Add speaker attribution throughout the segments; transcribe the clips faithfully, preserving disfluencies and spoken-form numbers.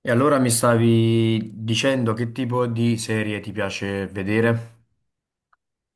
Speaker 1: E allora mi stavi dicendo che tipo di serie ti piace vedere?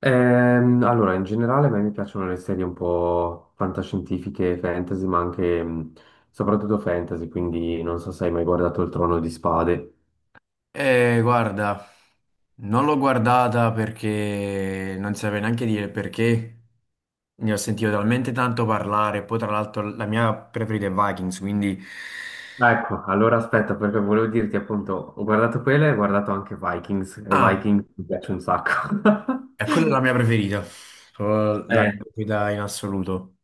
Speaker 2: Ehm, allora, in generale a me mi piacciono le serie un po' fantascientifiche, fantasy, ma anche mh, soprattutto fantasy, quindi non so se hai mai guardato Il Trono di Spade.
Speaker 1: Eh, guarda, non l'ho guardata perché non saprei neanche dire perché. Ne ho sentito talmente tanto parlare. Poi, tra l'altro, la mia preferita è Vikings, quindi.
Speaker 2: Ah, Ecco, allora aspetta, perché volevo dirti appunto, ho guardato quella e ho guardato anche Vikings, e
Speaker 1: Ah,
Speaker 2: Vikings mi piace un sacco.
Speaker 1: è quella è la mia preferita. Proprio La mia
Speaker 2: Eh,
Speaker 1: preferita in assoluto.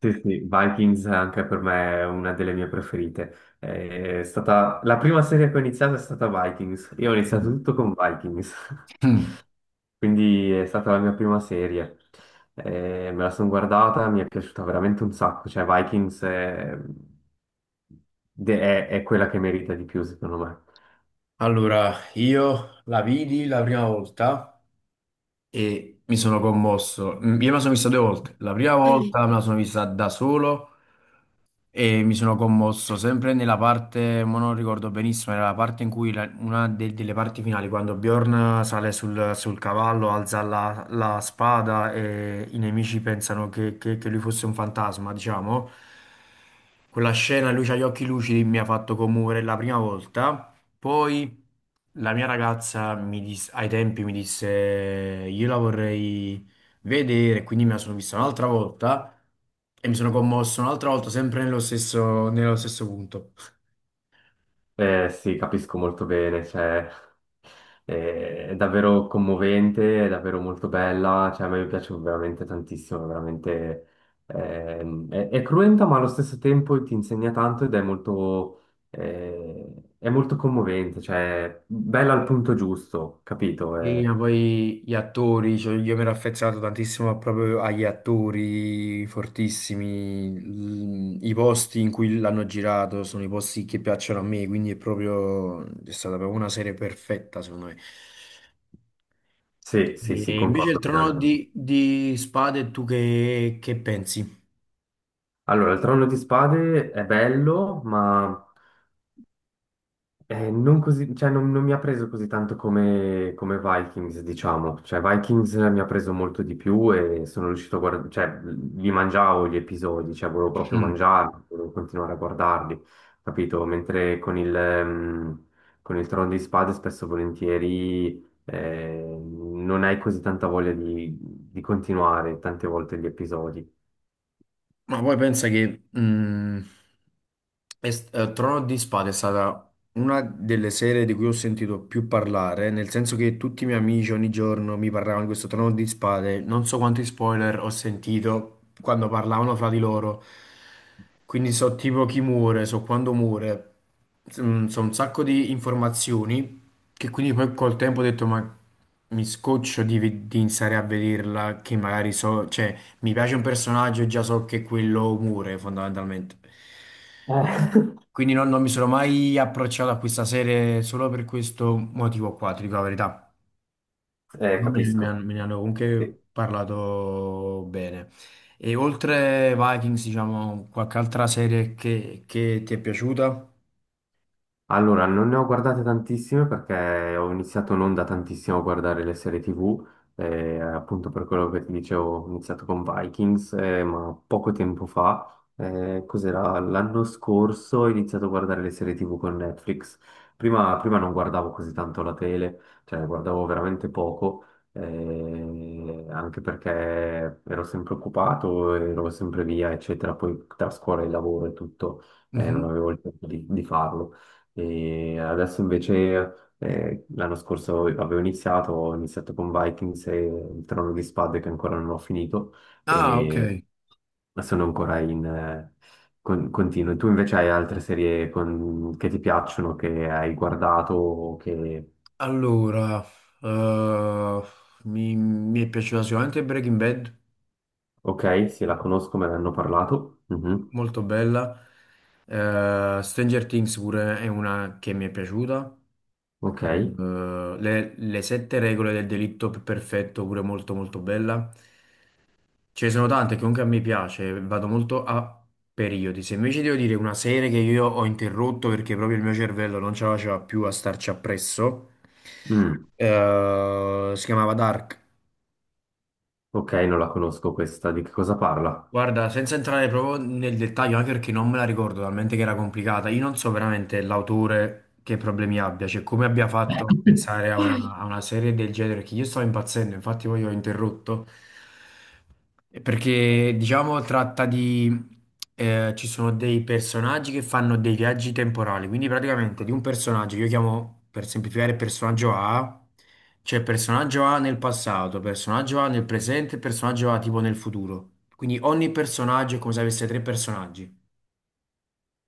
Speaker 2: sì, sì, Vikings anche per me è una delle mie preferite. È stata la prima serie che ho iniziato, è stata Vikings, io ho iniziato
Speaker 1: Mm.
Speaker 2: tutto con Vikings. Quindi è stata la mia prima serie. Eh, me la sono guardata, mi è piaciuta veramente un sacco. Cioè, Vikings è, de- è- è quella che merita di più, secondo me.
Speaker 1: Allora, io la vidi la prima volta. e mi sono commosso. Mm, Io me la sono vista due volte. La prima volta me la sono vista da solo e mi sono commosso sempre nella parte, ma non ricordo benissimo, era la parte in cui la- una de- delle parti finali, quando Bjorn sale sul, sul cavallo, alza la, la spada e i nemici pensano che, che che lui fosse un fantasma, diciamo. Quella scena, lui ha gli occhi lucidi, mi ha fatto commuovere la prima volta. Poi la mia ragazza mi dis- ai tempi mi disse io la vorrei vedere, quindi me la sono vista un'altra volta e mi sono commosso un'altra volta sempre nello stesso, nello stesso punto.
Speaker 2: Eh, sì, capisco molto bene. Cioè, eh, è davvero commovente, è davvero molto bella. Cioè, a me piace veramente tantissimo, è veramente ehm, è, è cruenta, ma allo stesso tempo ti insegna tanto ed è molto, eh, è molto commovente, cioè bella al punto giusto, capito?
Speaker 1: E
Speaker 2: Eh,
Speaker 1: poi gli attori, cioè, io mi ero affezionato tantissimo proprio agli attori fortissimi, l- i posti in cui l'hanno girato sono i posti che piacciono a me, quindi è proprio, è stata proprio una serie perfetta secondo me.
Speaker 2: Sì, sì, sì,
Speaker 1: E invece il
Speaker 2: concordo
Speaker 1: trono
Speaker 2: pienamente.
Speaker 1: di, di spade, tu che, che pensi?
Speaker 2: Allora, il Trono di Spade è bello, ma eh, non così, cioè, non, non mi ha preso così tanto come, come Vikings, diciamo. Cioè, Vikings mi ha preso molto di più e sono riuscito a guardare, cioè, li mangiavo gli episodi, cioè, volevo proprio
Speaker 1: Mm.
Speaker 2: mangiarli, volevo continuare a guardarli, capito? Mentre con il, ehm, con il Trono di Spade spesso e volentieri eh, non hai così tanta voglia di, di continuare tante volte gli episodi.
Speaker 1: Ma poi pensa che mh, est- eh, Trono di Spade è stata una delle serie di cui ho sentito più parlare, nel senso che tutti i miei amici ogni giorno mi parlavano di questo Trono di Spade, non so quanti spoiler ho sentito quando parlavano fra di loro, quindi so tipo chi muore, so quando muore, Mm, so un sacco di informazioni che quindi poi col tempo ho detto ma mi scoccio di, ve- di iniziare a vederla, che magari so, cioè. Mi piace un personaggio e già so che quello muore fondamentalmente.
Speaker 2: Eh.
Speaker 1: Quindi non, non mi sono mai approcciato a questa serie solo per questo motivo qua, ti dico la verità.
Speaker 2: Eh,
Speaker 1: Me, me ne
Speaker 2: capisco.
Speaker 1: hanno me ne hanno comunque
Speaker 2: Sì.
Speaker 1: parlato bene. E oltre Vikings, diciamo, qualche altra serie che, che ti è piaciuta?
Speaker 2: Allora, non ne ho guardate tantissime perché ho iniziato non da tantissimo a guardare le serie T V, eh, appunto per quello che ti dicevo, ho iniziato con Vikings, eh, ma poco tempo fa, eh, cos'era? L'anno scorso ho iniziato a guardare le serie T V con Netflix. Prima, prima non guardavo così tanto la tele, cioè guardavo veramente poco, eh, anche perché ero sempre occupato, ero sempre via, eccetera, poi tra scuola e lavoro e tutto, eh, non
Speaker 1: Mhm.
Speaker 2: avevo il tempo di di farlo. E adesso invece eh, l'anno scorso avevo iniziato, ho iniziato con Vikings e il Trono di Spade che ancora non ho finito
Speaker 1: Ah, ok.
Speaker 2: e sono ancora in eh, con- continuo. Tu invece hai altre serie con- che ti piacciono, che hai guardato, o che...
Speaker 1: Allora, eh, mi, mi è piaciuta sicuramente Breaking Bad.
Speaker 2: Ok, sì, la conosco, me ne hanno parlato. Mhm.
Speaker 1: Molto bella. Eh, Stranger Things pure è una che mi è piaciuta.
Speaker 2: Ok.
Speaker 1: Eh, le, le sette regole del delitto perfetto pure molto molto bella. Ce ne sono tante che comunque a me piace, vado molto a periodi. Se invece devo dire una serie che io ho interrotto perché proprio il mio cervello non ce la faceva più a starci appresso,
Speaker 2: Mm.
Speaker 1: eh, si chiamava Dark.
Speaker 2: Ok, non la conosco questa, di che cosa parla?
Speaker 1: Guarda, senza entrare proprio nel dettaglio, anche perché non me la ricordo talmente che era complicata, io non so veramente l'autore che problemi abbia, cioè come abbia fatto a pensare a una, a una serie del genere, che io stavo impazzendo, infatti poi ho interrotto, eh, perché diciamo tratta di. Eh, ci sono dei personaggi che fanno dei viaggi temporali, quindi praticamente di un personaggio, che io chiamo per semplificare personaggio A, cioè, personaggio A nel passato, personaggio A nel presente, personaggio A tipo nel futuro. Quindi ogni personaggio è come se avesse tre personaggi,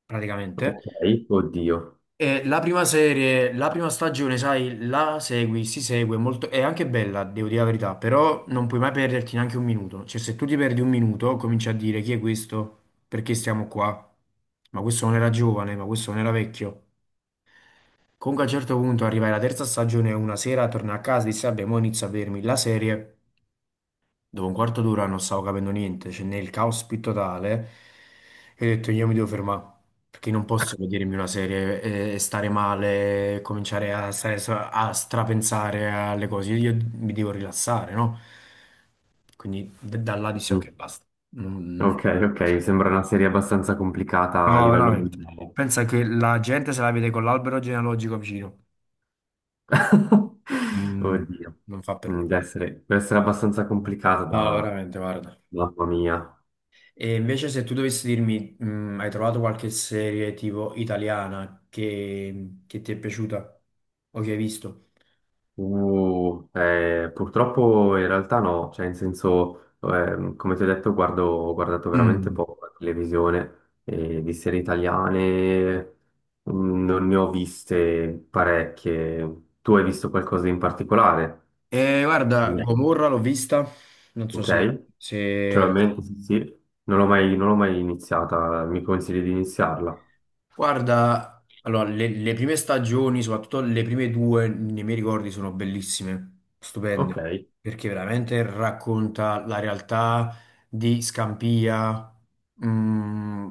Speaker 1: praticamente.
Speaker 2: Ok, oddio.
Speaker 1: E la prima serie, la prima stagione, sai, la segui, si segue molto, è anche bella, devo dire la verità, però non puoi mai perderti neanche un minuto. Cioè, se tu ti perdi un minuto, cominci a dire chi è questo, perché stiamo qua, ma questo non era giovane, ma questo non era vecchio. Comunque a un certo punto arrivai alla terza stagione, una sera torno a casa e dissi, vabbè, mo inizio a vedermi la serie. Dopo un quarto d'ora non stavo capendo niente, c'è nel caos più totale, e ho detto io mi devo fermare, perché non posso vedermi una serie e, e stare male, e cominciare a, stare stra- a strapensare alle cose, io, io mi devo rilassare, no? Quindi d- da là dissi
Speaker 2: Mhm.
Speaker 1: ok, basta. Non-
Speaker 2: Ok,
Speaker 1: non-
Speaker 2: ok, sembra una serie abbastanza complicata a
Speaker 1: No,
Speaker 2: livello
Speaker 1: veramente.
Speaker 2: mentale.
Speaker 1: Pensa che la gente se la vede con l'albero genealogico vicino. Mm,
Speaker 2: Oddio.
Speaker 1: non fa per
Speaker 2: Mm,
Speaker 1: me.
Speaker 2: deve essere, deve essere abbastanza complicata
Speaker 1: No,
Speaker 2: da...
Speaker 1: veramente, guarda.
Speaker 2: Mamma mia.
Speaker 1: E invece se tu dovessi dirmi, mh, hai trovato qualche serie tipo italiana che, che ti è piaciuta o che hai visto?
Speaker 2: Uh, eh, purtroppo in realtà no, cioè in senso, ehm, come ti ho detto, guardo, ho guardato veramente
Speaker 1: Mm.
Speaker 2: poco la televisione e di serie italiane mm, non ne ho viste parecchie. Tu hai visto qualcosa in particolare?
Speaker 1: Eh, guarda,
Speaker 2: Niente.
Speaker 1: Gomorra l'ho vista, non so
Speaker 2: Ok?
Speaker 1: se, se-
Speaker 2: Naturalmente, sì, sì. Non l'ho mai, non l'ho mai iniziata, mi consigli di iniziarla?
Speaker 1: Guarda, allora, le, le prime stagioni, soprattutto le prime due, nei miei ricordi sono bellissime,
Speaker 2: Ok.
Speaker 1: stupende, perché veramente racconta la realtà di Scampia, mh,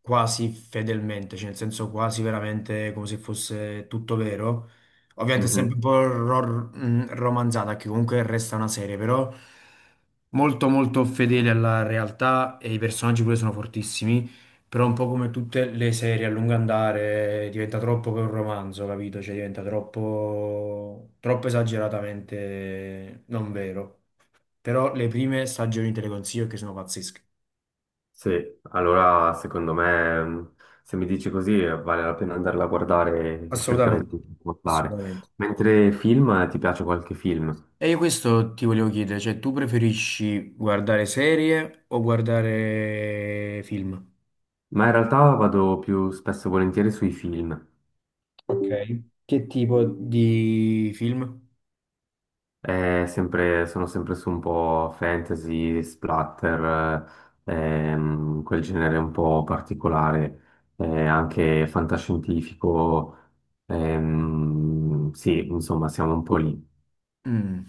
Speaker 1: quasi fedelmente, cioè nel senso quasi veramente come se fosse tutto vero. Ovviamente è sempre un
Speaker 2: Mhm.
Speaker 1: po' ro- mh, romanzata, che comunque resta una serie, però molto molto fedele alla realtà e i personaggi pure sono fortissimi. Però un po' come tutte le serie a lungo andare diventa troppo che un romanzo, capito? Cioè diventa troppo, troppo esageratamente non vero. Però le prime stagioni te le consiglio che sono pazzesche.
Speaker 2: Sì, allora secondo me, mh, se mi dici così, eh, vale la pena andarla a guardare e cercherò di
Speaker 1: Assolutamente,
Speaker 2: guardare.
Speaker 1: assolutamente.
Speaker 2: Mentre film, eh, ti piace qualche film?
Speaker 1: E io questo ti volevo chiedere, cioè tu preferisci guardare serie o guardare film?
Speaker 2: Ma in realtà vado più spesso e volentieri sui film.
Speaker 1: Ok. Che tipo di film?
Speaker 2: È sempre- sono sempre su un po' fantasy, splatter, eh, ehm, quel genere un po' particolare, eh, anche fantascientifico. Ehm, sì, insomma, siamo un po' lì.
Speaker 1: Mm.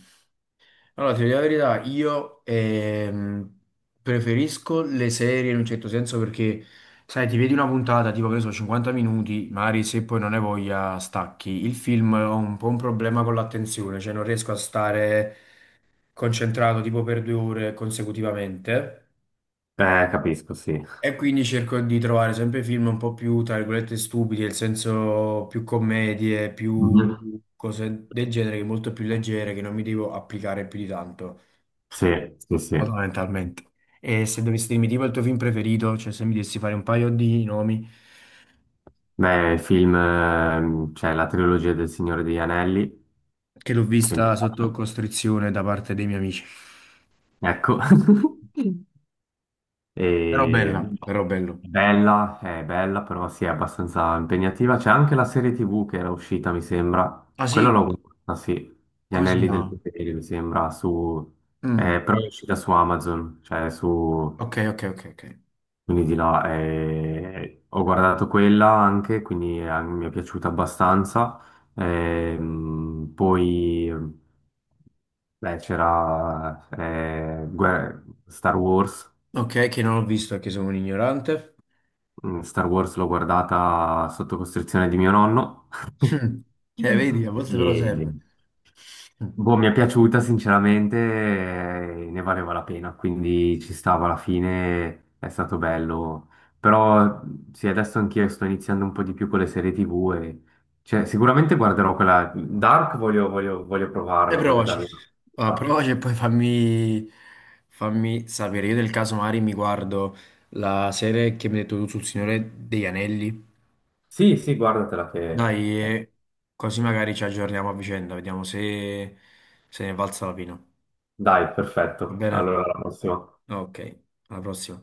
Speaker 1: Allora, ti dico la verità, io ehm, preferisco le serie in un certo senso perché, sai, ti vedi una puntata, tipo, che ne so, cinquanta minuti, magari se poi non hai voglia stacchi. Il film ho un po' un problema con l'attenzione, cioè non riesco a stare concentrato tipo per due ore consecutivamente
Speaker 2: Eh, capisco, sì.
Speaker 1: e quindi cerco di trovare sempre film un po' più, tra virgolette, stupidi, nel senso più commedie, più
Speaker 2: Mhm.
Speaker 1: cose del genere, molto più leggere, che non mi devo applicare più di tanto.
Speaker 2: Sì, sì, sì.
Speaker 1: Fondamentalmente. E se dovessi dirmi tipo il tuo film preferito, cioè se mi dessi fare un paio di nomi,
Speaker 2: Beh, il film, ehm, cioè la trilogia del Signore degli Anelli,
Speaker 1: che l'ho
Speaker 2: che mi
Speaker 1: vista sotto
Speaker 2: piace.
Speaker 1: costrizione da parte dei miei amici.
Speaker 2: Ecco.
Speaker 1: Però
Speaker 2: E-
Speaker 1: bella, però bello.
Speaker 2: è bella, è bella, però sì, è abbastanza impegnativa. C'è anche la serie T V che era uscita, mi sembra.
Speaker 1: Ah sì,
Speaker 2: Quella l'ho guardata, sì. Gli
Speaker 1: così
Speaker 2: Anelli del
Speaker 1: no.
Speaker 2: Potere, mi sembra, su...
Speaker 1: Mm,
Speaker 2: eh, però è uscita su Amazon, cioè su...
Speaker 1: ok, ok, ok, ok.
Speaker 2: Quindi di là, eh, ho guardato quella anche, quindi eh, mi è piaciuta abbastanza. Ehm, poi... Beh, c'era eh, Guer- Star Wars.
Speaker 1: Ok, che non ho visto, che sono un ignorante.
Speaker 2: Mm, Star Wars l'ho guardata sotto costrizione di mio nonno.
Speaker 1: Mm. Eh, vedi, a volte però
Speaker 2: E,
Speaker 1: serve. Mm.
Speaker 2: boh, mi è piaciuta sinceramente, eh, ne valeva la pena, quindi ci stava alla fine, è stato bello. Però sì, adesso anch'io sto iniziando un po' di più con le serie T V e cioè, sicuramente guarderò quella Dark, voglio, voglio, voglio
Speaker 1: E
Speaker 2: provarla, voglio
Speaker 1: provaci.
Speaker 2: darle una
Speaker 1: Ah,
Speaker 2: possibilità.
Speaker 1: provaci e poi fammi, fammi sapere. Io del caso Mari mi guardo la serie che mi hai detto tu sul Signore degli Anelli.
Speaker 2: Sì, sì, guardatela che...
Speaker 1: Dai,
Speaker 2: eh,
Speaker 1: eh, così magari ci aggiorniamo a vicenda, vediamo se, se ne è valsa la pena.
Speaker 2: dai,
Speaker 1: Va
Speaker 2: perfetto.
Speaker 1: bene?
Speaker 2: Allora, alla prossima.
Speaker 1: Ok, alla prossima.